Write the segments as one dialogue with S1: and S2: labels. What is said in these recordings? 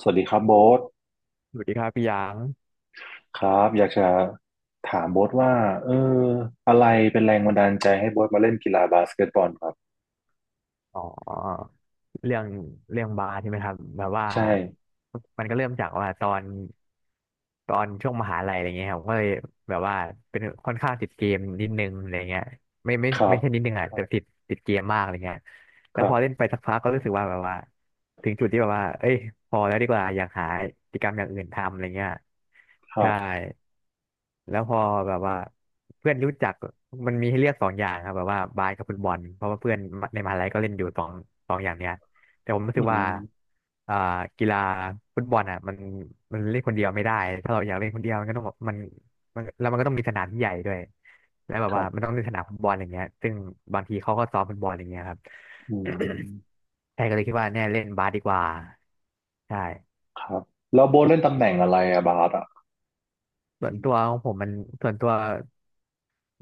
S1: สวัสดีครับโบ๊ท
S2: สวัสดีครับพี่หยาง
S1: ครับอยากจะถามโบ๊ทว่าเอออะไรเป็นแรงบันดาลใจให้โบ๊ทมาเล่นกีฬาบาสเกตบอลครับ
S2: อ๋อเรื่องเรื่องบาร์ใช่ไหมครับแบบว่า
S1: ใช่
S2: มันก็เริ่มจากว่าตอนช่วงมหาลัยอะไรเงี้ยครับก็เลยแบบว่าเป็นค่อนข้างติดเกมนิดนึงอะไรเงี้ย
S1: ครั
S2: ไม่ใช่
S1: บ
S2: นิดนึงอ่ะแต่ติดเกมมากอะไรเงี้ย แล้
S1: ค
S2: ว
S1: รั
S2: พ
S1: บ
S2: อเล่นไปสักพักก็รู้สึกว่าแบบว่าถึงจุดที่แบบว่าเอ้ยพอแล้วดีกว่าอยากหากิจกรรมอย่างอื่นทำอะไรเงี้ย
S1: ครั
S2: ใช่
S1: บ
S2: แล้วพอแบบว่าเพื่อนรู้จักมันมีให้เลือกสองอย่างครับแบบว่าบาสกับฟุตบอลเพราะว่าเพื่อนในมหาลัยก็เล่นอยู่สองอย่างเนี้ยแต่ผมรู้
S1: อื
S2: สึกว่า
S1: ม
S2: อ่ากีฬาฟุตบอลอ่ะมันเล่นคนเดียวไม่ได้ถ้าเราอยากเล่นคนเดียวมันก็ต้องมัน มันแล้วมันก็ต้องมีสนามที่ใหญ่ด้วยแล้วแบบ
S1: ครั
S2: ว่า
S1: บ
S2: มันต้องมีสนามฟุตบอลอย่างเงี้ยซึ่งบางทีเขาก็ซ้อมฟุตบอลอย่างเงี้ยครับ
S1: อืม
S2: ใช่ก็เลยคิดว่าเนี่ยเล่นบาสดีกว่าใช่
S1: ครับแล้วโบ๊ทเล่นตำแหน่งอะไรอะบาสอะ
S2: ส่วนตัวของผมมันส่วนตัว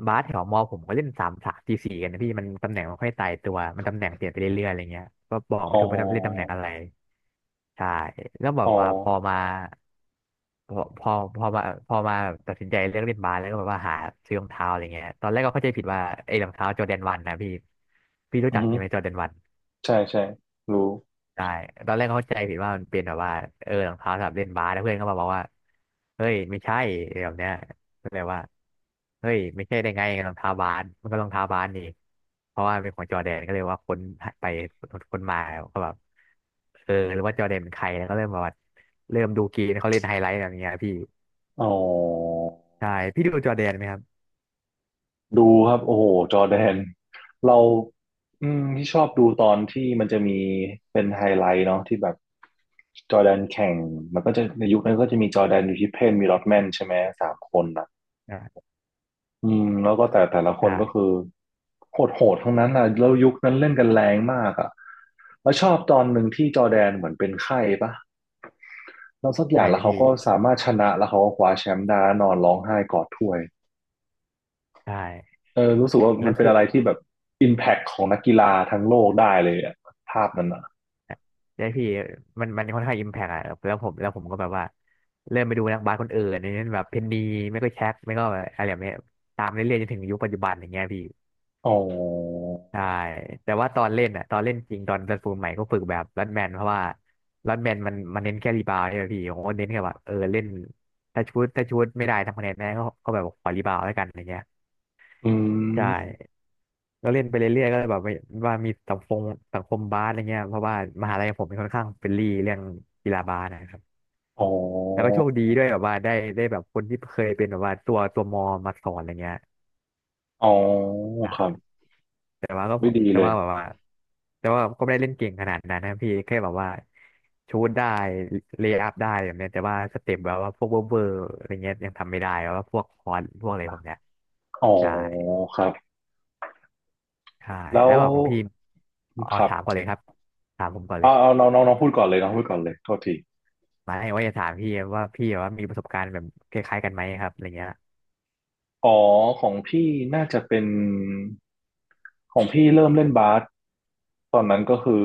S2: บาสแถวมอผมก็เล่นสามสามสี่สี่กันนะพี่มันตำแหน่งมันค่อยตายตัวมันตำแหน่งเปลี่ยนไปเรื่อยๆอะไรเงี้ยก็บอก
S1: อ๋
S2: ไม่ถูกว่าจะเล่นตำแหน่ง
S1: อ
S2: อะไรใช่แล้วแบ
S1: อ๋
S2: บ
S1: อ
S2: ว่าพอมาพอพอพอมาพอมาแบบตัดสินใจเลือกเล่นบาสแล้วก็แบบว่าหาซื้อรองเท้าอะไรเงี้ยตอนแรกก็เข้าใจผิดว่าไอ้รองเท้าจอร์แดนวันนะพี่พี่รู้
S1: อือ
S2: จัก
S1: ฮึ
S2: ใช่ไหมจอร์แดนวัน
S1: ใช่ใช่รู้
S2: ใช่ตอนแรกเข้าใจผิดว่ามันเป็นแบบว่าเออรองเท้าสำหรับเล่นบาสแล้วเพื่อนก็มาบอกว่าเฮ้ยไม่ใช่อะไรแบบเนี้ยก็เลยว่าเฮ้ยไม่ใช่ได้ไงรองเท้าบาสมันก็รองเท้าบาสนี่เพราะว่าเป็นของจอร์แดนก็เลยว่าค้นไปค้นมาก็แบบเออหรือว่าจอร์แดนเป็นใครแล้วก็เริ่มแบบว่าเริ่มดูเกมเขาเล่นไฮไลท์แบบเนี้ยพี่
S1: อ๋อ
S2: ใช่พี่ดูจอร์แดนไหมครับ
S1: ดูครับโอ้โหจอร์แดนเราอืมที่ชอบดูตอนที่มันจะมีเป็นไฮไลท์เนาะที่แบบจอร์แดนแข่งมันก็จะในยุคนั้นก็จะมีจอร์แดนอยู่ที่เพนมีลอตแมนใช่ไหมสามคนอ่ะ
S2: อ่า
S1: อืมแล้วก็แต่ละคน
S2: ใช่
S1: ก็คือโหดโหดทั้งนั้นอ่ะแล้วยุคนั้นเล่นกันแรงมากอ่ะแล้วชอบตอนหนึ่งที่จอร์แดนเหมือนเป็นไข้ปะแล้วสักอ
S2: ใช่
S1: ย่างแล้วเขา
S2: พี่
S1: ก็สามารถชนะแล้วเขาก็คว้าแชมป์ได้แล้วนอนร้องไห้กอดถ้วย
S2: ใช่
S1: เออรู้สึกว่า
S2: แล้
S1: มั
S2: ว
S1: นเป็น
S2: คือ
S1: อะไรที่แบบอิมแพคของนักกีฬาทั้งโลกได้เลยอะภาพนั้นอ่ะ
S2: ใช่พี่มันค่อนข้างอิมแพกอะแล้วผมก็แบบว่าเริ่มไปดูนักบาสคนอื่นอย่างเช่นแบบเพนนีไม่ก็แช็คไม่ก็อะไรแบบเนี้ยตามเรื่อยๆจนถึงยุคปัจจุบันอย่างเงี้ยพี่
S1: อ๋อ
S2: ใช่แต่ว่าตอนเล่นอะตอนเล่นจริงตอนเซนฟูลใหม่ก็ฝึกแบบรัดแมนเพราะว่ารัดแมนมันเน้นแค่รีบาวด์ใช่ไหมพี่ผมก็เน้นแค่ว่าเออเล่นถ้าชุดไม่ได้ทำคะแนนได้ก็แบบขอรีบาวด์แล้วกันอย่างเงี้ย
S1: อื
S2: ใช่
S1: ม
S2: ก็เล่นไปเรื่อยๆก็เลยแบบว่ามีสังคมบาสอะไรเงี้ยเพราะว่ามหาลัยผมเป็นค่อนข้างเฟรนลี่เรื่องกีฬาบาสนะครับ
S1: อ๋อ
S2: แล้วก็โชคดีด้วยแบบว่าได้แบบคนที่เคยเป็นแบบว่าตัวมอมาสอนอะไรเงี้ย
S1: อ๋อ
S2: อ่
S1: ครับ
S2: ะแต่ว่าก็
S1: ไม่ดี
S2: แต่
S1: เลย
S2: ว่าแบบว่าแต่ว่าก็ไม่ได้เล่นเก่งขนาดนั้นนะพี่แค่แบบว่าชูตได้เลย์อัพได้แบบเนี้ยแต่ว่าสเต็ปแบบว่าพวกเวอร์อะไรเงี้ยยังทำไม่ได้แบบว่าพวกคอนพวกอะไรพวกเนี้ย
S1: อ๋อ
S2: ใช่
S1: ครับ
S2: ใช่
S1: แล้
S2: แล้
S1: ว
S2: วแบบของพี่อ๋อ
S1: ครับ
S2: ถามก่อนเลยครับถามผมก่อนเล
S1: เอา
S2: ย
S1: เอาน้องน้องน้องพูดก่อนเลยน้องพูดก่อนเลยโทษที
S2: มาให้ว่าจะถามพี่ว่าพี่แบบว่ามีประสบการณ์แบบคล้ายๆกันไหมครับอะไรเงี้ย
S1: อ๋อของพี่น่าจะเป็น ของพี่เริ่มเล่นบาสตอนนั้นก็คือ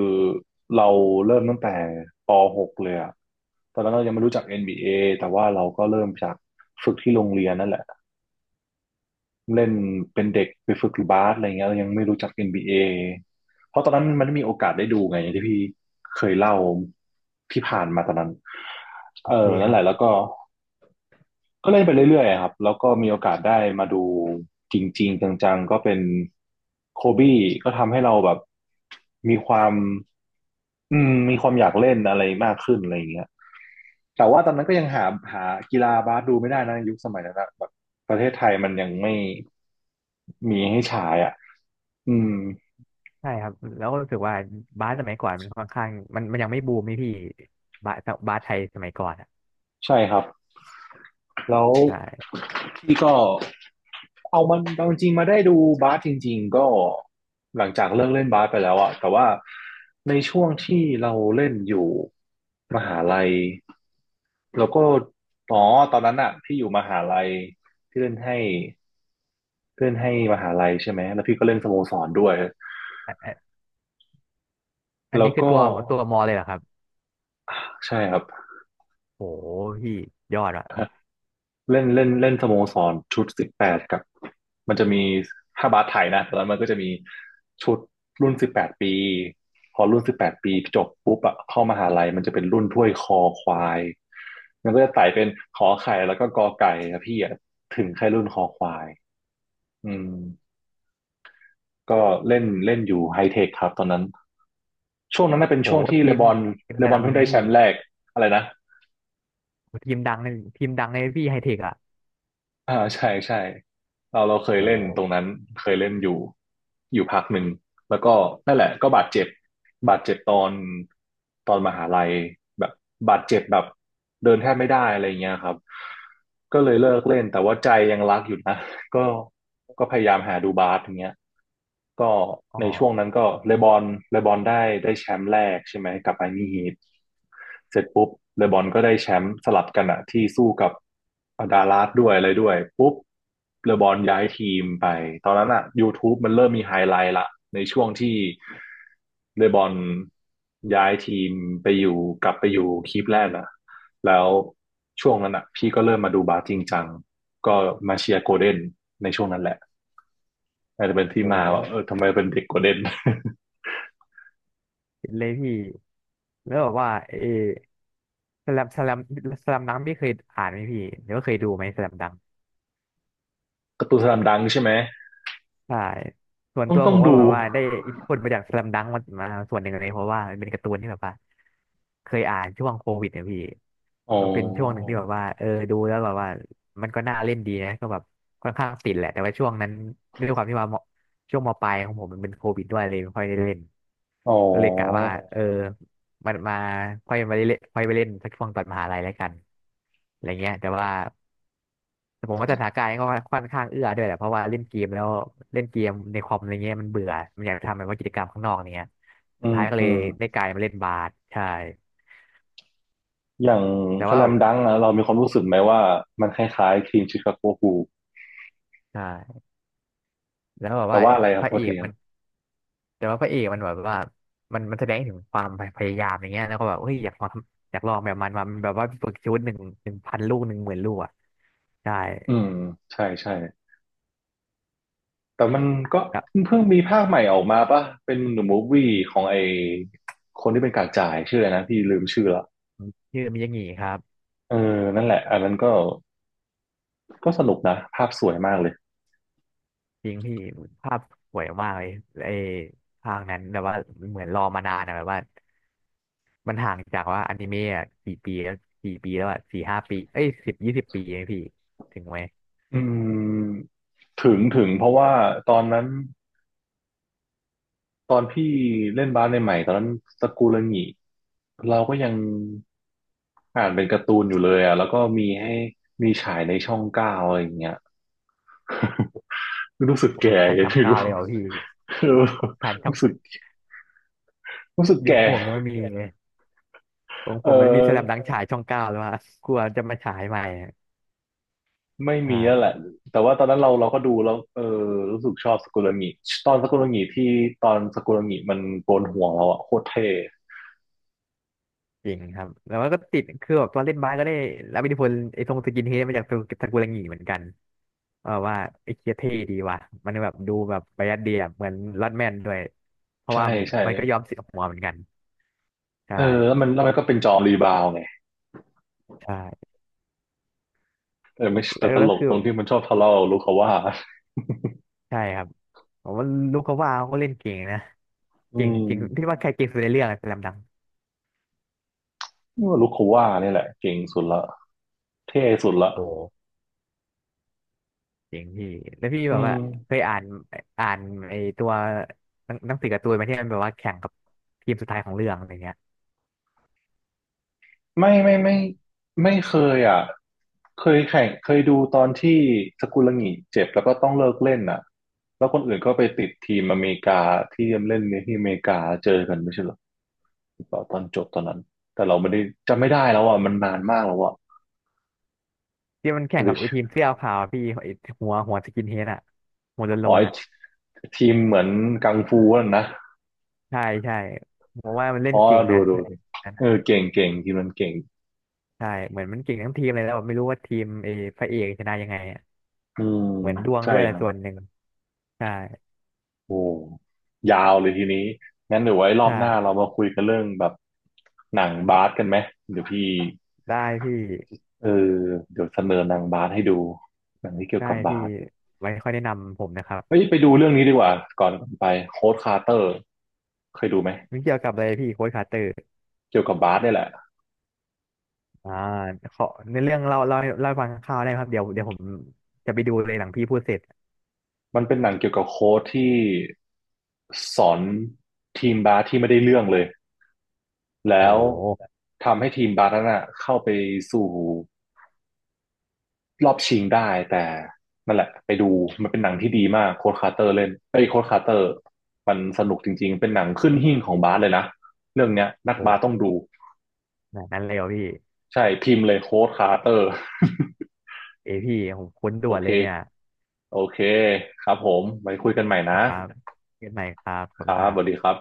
S1: เราเริ่มตั้งแต่ป .6 เลยอะตอนนั้นเรายังไม่รู้จัก NBA แต่ว่าเราก็เริ่มจากฝึกที่โรงเรียนนั่นแหละเล่นเป็นเด็กไปฝึกบาสอะไรเงี้ยเรายังไม่รู้จัก NBA เอเพราะตอนนั้นมันไม่มีโอกาสได้ดูไงอย่างที่พี่เคยเล่าที่ผ่านมาตอนนั้น
S2: โอ
S1: เออ
S2: เค
S1: นั่
S2: ค
S1: น
S2: รั
S1: แห
S2: บ
S1: ละแล้วก็ ก็เล่นไปเรื่อยๆครับแล้วก็มีโอกาสได้มาดูจริงๆจังๆก็เป็นโคบี้ก็ทำให้เราแบบมีความอืมมีความอยากเล่นอะไรมากขึ้นอะไรอย่างเงี้ยแต่ว่าตอนนั้นก็ยังหากีฬาบาสดูไม่ได้นะยุคสมัยนั้นนะแบบประเทศไทยมันยังไม่มีให้ฉายอ่ะอืม
S2: ใช่ครับแล้วก็รู้สึกว่าบาสสมัยก่อนมันค่อนข้างมันยังไม่บูมนี่พี่บาสบาสไทยสมัยก่อนอ่ะ
S1: ใช่ครับแล้ว
S2: ใช่
S1: พี่ก็เอามันเอาจริงๆมาได้ดูบาสจริงๆก็หลังจากเลิกเล่นบาสไปแล้วอะแต่ว่าในช่วงที่เราเล่นอยู่มหาลัยแล้วก็อ๋อตอนนั้นอะพี่อยู่มหาลัยพี่เล่นให้เล่นให้มหาลัยใช่ไหมแล้วพี่ก็เล่นสโมสรด้วย
S2: อันอันอัน
S1: แล้
S2: นี้
S1: ว
S2: คือ
S1: ก็
S2: ตัวมอเลยเหรอครับ
S1: ใช่ครับ
S2: โหพี่ยอดอ่ะ
S1: เล่นเล่นเล่นสโมสรชุดสิบแปดกับมันจะมีถ้าบาสไทยนะตอนนั้นมันก็จะมีชุดรุ่นสิบแปดปีพอรุ่นสิบแปดปีจบปุ๊บอะเข้ามหาลัยมันจะเป็นรุ่นถ้วยคอควายมันก็จะไต่เป็นขอไข่แล้วก็กอไก่นะพี่อะถึงแค่รุ่นคอควายอืมก็เล่นเล่นอยู่ไฮเทคครับตอนนั้นช่วงนั้นน่ะเป็น
S2: โห
S1: ช่วงที่
S2: ที
S1: เล
S2: ม
S1: บอน
S2: ทีม
S1: เล
S2: ดั
S1: บอ
S2: ง
S1: น
S2: เล
S1: เพิ่
S2: ย
S1: ง
S2: ไหม
S1: ได้แช
S2: พี่
S1: มป์แรกอะไรนะ
S2: โหทีมดังเลยทีมดังเลยพี่ไฮเทคอ่ะ
S1: อ่าใช่ใช่เราเค
S2: โ
S1: ยเล่นตรง
S2: ห
S1: นั้นเคยเล่นอยู่อยู่พักหนึ่งแล้วก็นั่นแหละก็บาดเจ็บบาดเจ็บตอนมหาลัยแบบบาดเจ็บแบบเดินแทบไม่ได้อะไรเงี้ยครับก็เลยเลิกเล่นแต่ว่าใจยังรักอยู่นะ ก็ก็พยายามหาดูบาสอย่างเงี้ยก็
S2: อ๋อ
S1: ในช่วงนั้นก็เลบอนเลบอนได้แชมป์แรกใช่ไหมกับไอมี่ฮีท เสร็จปุ๊บเลบอนก็ได้แชมป์สลับกันอะที่สู้กับดาลาสด้วยอะไรด้วยปุ๊บเลบอนย้ายทีมไปตอนนั้นอะ YouTube มันเริ่มมีไฮไลท์ละในช่วงที่เลบอนย้ายทีมไปอยู่กลับไปอยู่คลิปแรกอะแล้วช่วงนั้นอะพี่ก็เริ่มมาดูบาสจริงจังก็มาเชียร์โกลเด้นในช่วงนั้นแหละอาจจะเป็นที่มาว่า
S2: โห
S1: เออทำไมเป็นเด็กโกลเด้น
S2: เห็นเลยพี่แล้วแบบว่าเออสแลมสแลมสแลมดังพี่เคยอ่านไหมพี่หรือว่าเคยดูไหมสแลมดัง
S1: การ์ตูนสลัมดังใช่ไหม
S2: ใช่ส่วน
S1: ต้อ
S2: ตั
S1: ง
S2: ว
S1: ต้อ
S2: ผ
S1: ง
S2: มก็
S1: ดู
S2: แบบว่าได้อินพุตมาจากส a ลัมดังมาส่วนหนึ่งเลยเพราะว่ามันเป็นการ์ตูนที่แบบว่าเคยอ่านช่วงโควิดเนี่ยพี่
S1: อ๋อ
S2: ก็เป็นช่วงหนึ่งที่แบบว่าเออดูแล้วแบบว่ามันก็น่าเล่นดีนะก็แบบค่อนข้างติดแหละแต่ว่าช่วงนั้นด้วยความที่ว่ามช่วงมปลายของผมมันเป็นโควิดด้วยเลยไม่ค่อยได้เล่น
S1: อ๋อ
S2: ก็เลยกะว่าเออมันมาค่อยไปเล่นสักช่วงตอนมหาลัยแล้วกันอะไรเงี้ยแต่ว่า แต่ผมว่าสถานการณ์ก็ค่อนข้างเอื้อด้วยแหละเพราะว่าเล่นเกมแล้วเล่นเกมในคอมอะไรเงี้ยมันเบื่อมันอยากทำแบบว่ากิจกรรมข้างนอกเนี้ยสุ
S1: อื
S2: ด
S1: ม
S2: ท้ายก็
S1: อื
S2: เลย
S1: ม
S2: ได้กลายมาเล่นบาสใช่
S1: อย่าง
S2: แต่
S1: ส
S2: ว่า
S1: แลมดังก์อะเรามีความรู้สึกไหมว่ามันคล้ายๆทีมชิคาโกบูล
S2: ใช่แล้วแบบ
S1: แต่
S2: ว่า
S1: ว่าอะไรค
S2: พ
S1: รับ
S2: ระ
S1: โท
S2: เอ
S1: ษ
S2: ก
S1: ทีครั
S2: มั
S1: บ
S2: นแต่ว่าพระเอกมันแบบว่ามันแสดงถึงความพยายามอย่างเงี้ยแล้วก็แบบเฮ้ยอยากลองทำอยากลองแบบมันมาแบบว่าฝึกชุดหนึ่งหนึ่งพันลูกหนึ่งหมื่นลูกอ่ะใช่
S1: อืมใช่ใช่แต่มันก็
S2: ครับ
S1: เพิ่งมีภาคใหม่ออกมาป่ะเป็นหนูมูฟวี่ของไอคนที่เป็นกากจ่ายชื่ออะไรนะพี่ลืมชื่อละ
S2: ชื่อมิยางิครับ
S1: เออนั่นแหละอันนั้นก็ก็สนุกนะภาพสวยมากเลย
S2: จริงพี่ภาพสวยมากเลยไอ้ภาคนั้นแบบว่าเหมือนรอมานานอะแบบว่า มันห่างจากว่าอนิเมะอกี่ปีแล้วกี่ปีแล้วอ่ะสี่ห้าปีเอ้ยสิบยี่สิบปีเองพี่ถึงไหม
S1: อืมถึงถึงเพราะว่าตอนนั้น ตอนพี่เล่นบาสใหม่ๆตอนนั้นสกุลงิเราก็ยังอ่านเป็นการ์ตูนอยู่เลยอ่ะแล้วก็มีให้มีฉายในช่อง9อะไรอย่างเงี้ยรู้สึก
S2: โอ้
S1: แก่
S2: ทัน
S1: ยั
S2: ช่
S1: ง
S2: อง
S1: ไม่
S2: เก้า
S1: รู้
S2: เลยเหรอพี่ ทันช่อ
S1: รู้
S2: ง
S1: สึกรู้สึก
S2: เดี๋ยว
S1: แก่
S2: ผมยังไม่มีเลยของ
S1: เอ
S2: ผมมันมีสแลมดั
S1: อ
S2: งฉายช่องเก้าแล้วอ่ะกลัวจะมาฉายใหม่อะ
S1: ไม่
S2: ใช่
S1: มีแล้วแหละแต่ว่าตอนนั้นเราก็ดูแล้วเออรู้สึกชอบสกุลงิตอนสกุลงิที่ตอนสกุลงิมันโกนหัวเราอ่ะโคตรเท่
S2: จริงครับแล้วมันก็ติดคือแบบตอนเล่นบาสก็ได้รับอิทธิพลไอ้ทรงสกินเฮดมาจากตกุลังหเหมือนกันเออว่าไอ้เคียเท่ดีว่ะมันแบบดูแบบประหยัดดีอะเหมือนลอดแมนด้วยเพราะ
S1: ใช่
S2: ว่า
S1: ใช่
S2: มันก็ยอมเสียหัวเหมือนกันใช่
S1: เออแล้วมันก็เป็นจอมรีบาวไง
S2: ใช่
S1: แต่ไม่
S2: แล้
S1: แต่
S2: ว
S1: ต
S2: แล้
S1: ล
S2: ว
S1: ก
S2: คือ
S1: ตรงที่มันชอบทะเลาะกับลูกเขาว่า
S2: ใช่ครับผมว่าลูกเขาว่าเขาก็เล่นเก่งนะ
S1: อื
S2: เก่ง
S1: ม
S2: เก่งพี่ว่าใครเก่งสุดในเรื่องอะสแลมดัง
S1: นี่ว่าลูกเขาว่านี่แหละเก่งสุดละเท่สุดละ
S2: โอ้เก่งพี่แล้วพี่
S1: อื
S2: แบบว่า
S1: ม
S2: เคยอ่านอ่านไอ้ตัวหนังสือการ์ตูนไหมาที่มันแบบว่าแข่งกับทีมสุดท้ายของเรื่องอะไรเงี้ย
S1: ไม่ไม่เคยอ่ะเคยแข่งเคยดูตอนที่สกุลหงิเจ็บแล้วก็ต้องเลิกเล่นอ่ะแล้วคนอื่นก็ไปติดทีมอเมริกาที่เล่นในที่อเมริกาเจอกันไม่ใช่เหรอหรือเปล่าตอนจบตอนนั้นแต่เราไม่ได้จำไม่ได้แล้วอ่ะมันนานมากแล้วอ่ะ
S2: ที่มันแข่ง
S1: ห
S2: กั
S1: รื
S2: บ
S1: อ
S2: ไอ้ทีมเสื้อขาวพี่ไอหัวสกินเฮดอะหัว
S1: อ๋
S2: โล
S1: อ
S2: น
S1: ไอ้
S2: ๆอะ
S1: ทีมเหมือนกังฟูนั่นนะ
S2: ใช่ใช่ผมว่ามันเล่น
S1: อ๋อ
S2: เก่ง
S1: ดู
S2: นะ
S1: ดูดิเออเก่งเก่งทีมมันเก่ง
S2: ใช่เหมือนมันเก่งทั้งทีมเลยแล้วแบบไม่รู้ว่าทีมไอพระเอกชนะยังไงอะ
S1: อืม
S2: เหมือนดวง
S1: ใช่
S2: ด้วยแห
S1: ค
S2: ละ
S1: รับ
S2: ส่วนหนึ่งใช่
S1: โอ้ยาวเลยทีนี้งั้นเดี๋ยวไว้รอบหน้าเรา
S2: ใช่
S1: มาคุยกันเรื่องแบบหนังบาสกันไหมเดี๋ยวพี่
S2: ได้พี่
S1: เออเดี๋ยวเสนอหนังบาสให้ดูหนังที่เกี่ยว
S2: ได้
S1: กับ
S2: พี่
S1: บาส
S2: ไว้ค่อยแนะนำผมนะครับ
S1: เฮ้ยไปดูเรื่องนี้ดีกว่าก่อนไปโค้ดคาร์เตอร์เคยดูไหม
S2: มม่เกี่ยวกับอะไรพี่โค้ชคาร์เตอร์
S1: เกี่ยวกับบาสเนี่ยแหละ
S2: อ่าขอในเรื่องเล่าให้ฟังคร่าวๆได้ไหมครับเดี๋ยวผมจะไปดูเลยหลังพี่พูดเสร็จ
S1: มันเป็นหนังเกี่ยวกับโค้ชที่สอนทีมบาสที่ไม่ได้เรื่องเลย
S2: โอ
S1: แล้ว
S2: ้
S1: ทำให้ทีมบาร์นั้นอะเข้าไปสู่รอบชิงได้แต่นั่นแหละไปดูมันเป็นหนังที่ดีมากโค้ดคาร์เตอร์เล่นไอ้ยโค้ดคาร์เตอร์มันสนุกจริงๆเป็นหนังขึ้นหิ้งของบาสเลยนะเรื่องเนี้ยนักบาส
S2: โห
S1: ต้องดู
S2: ขนาดนั้นเลยเหรอพี่
S1: ใช่พิมพ์เลยโค้ดคาร์เตอร์
S2: เอยพี่ผมคุ้น ด่
S1: โอ
S2: วน
S1: เค
S2: เลยเนี่ย
S1: โอเคครับผมไว้คุยกันใหม่
S2: ค
S1: นะ
S2: รับเกิดใหม่ครับผ
S1: ค
S2: ม
S1: รั
S2: ค
S1: บ
S2: รั
S1: สวัสดี
S2: บ
S1: ครับ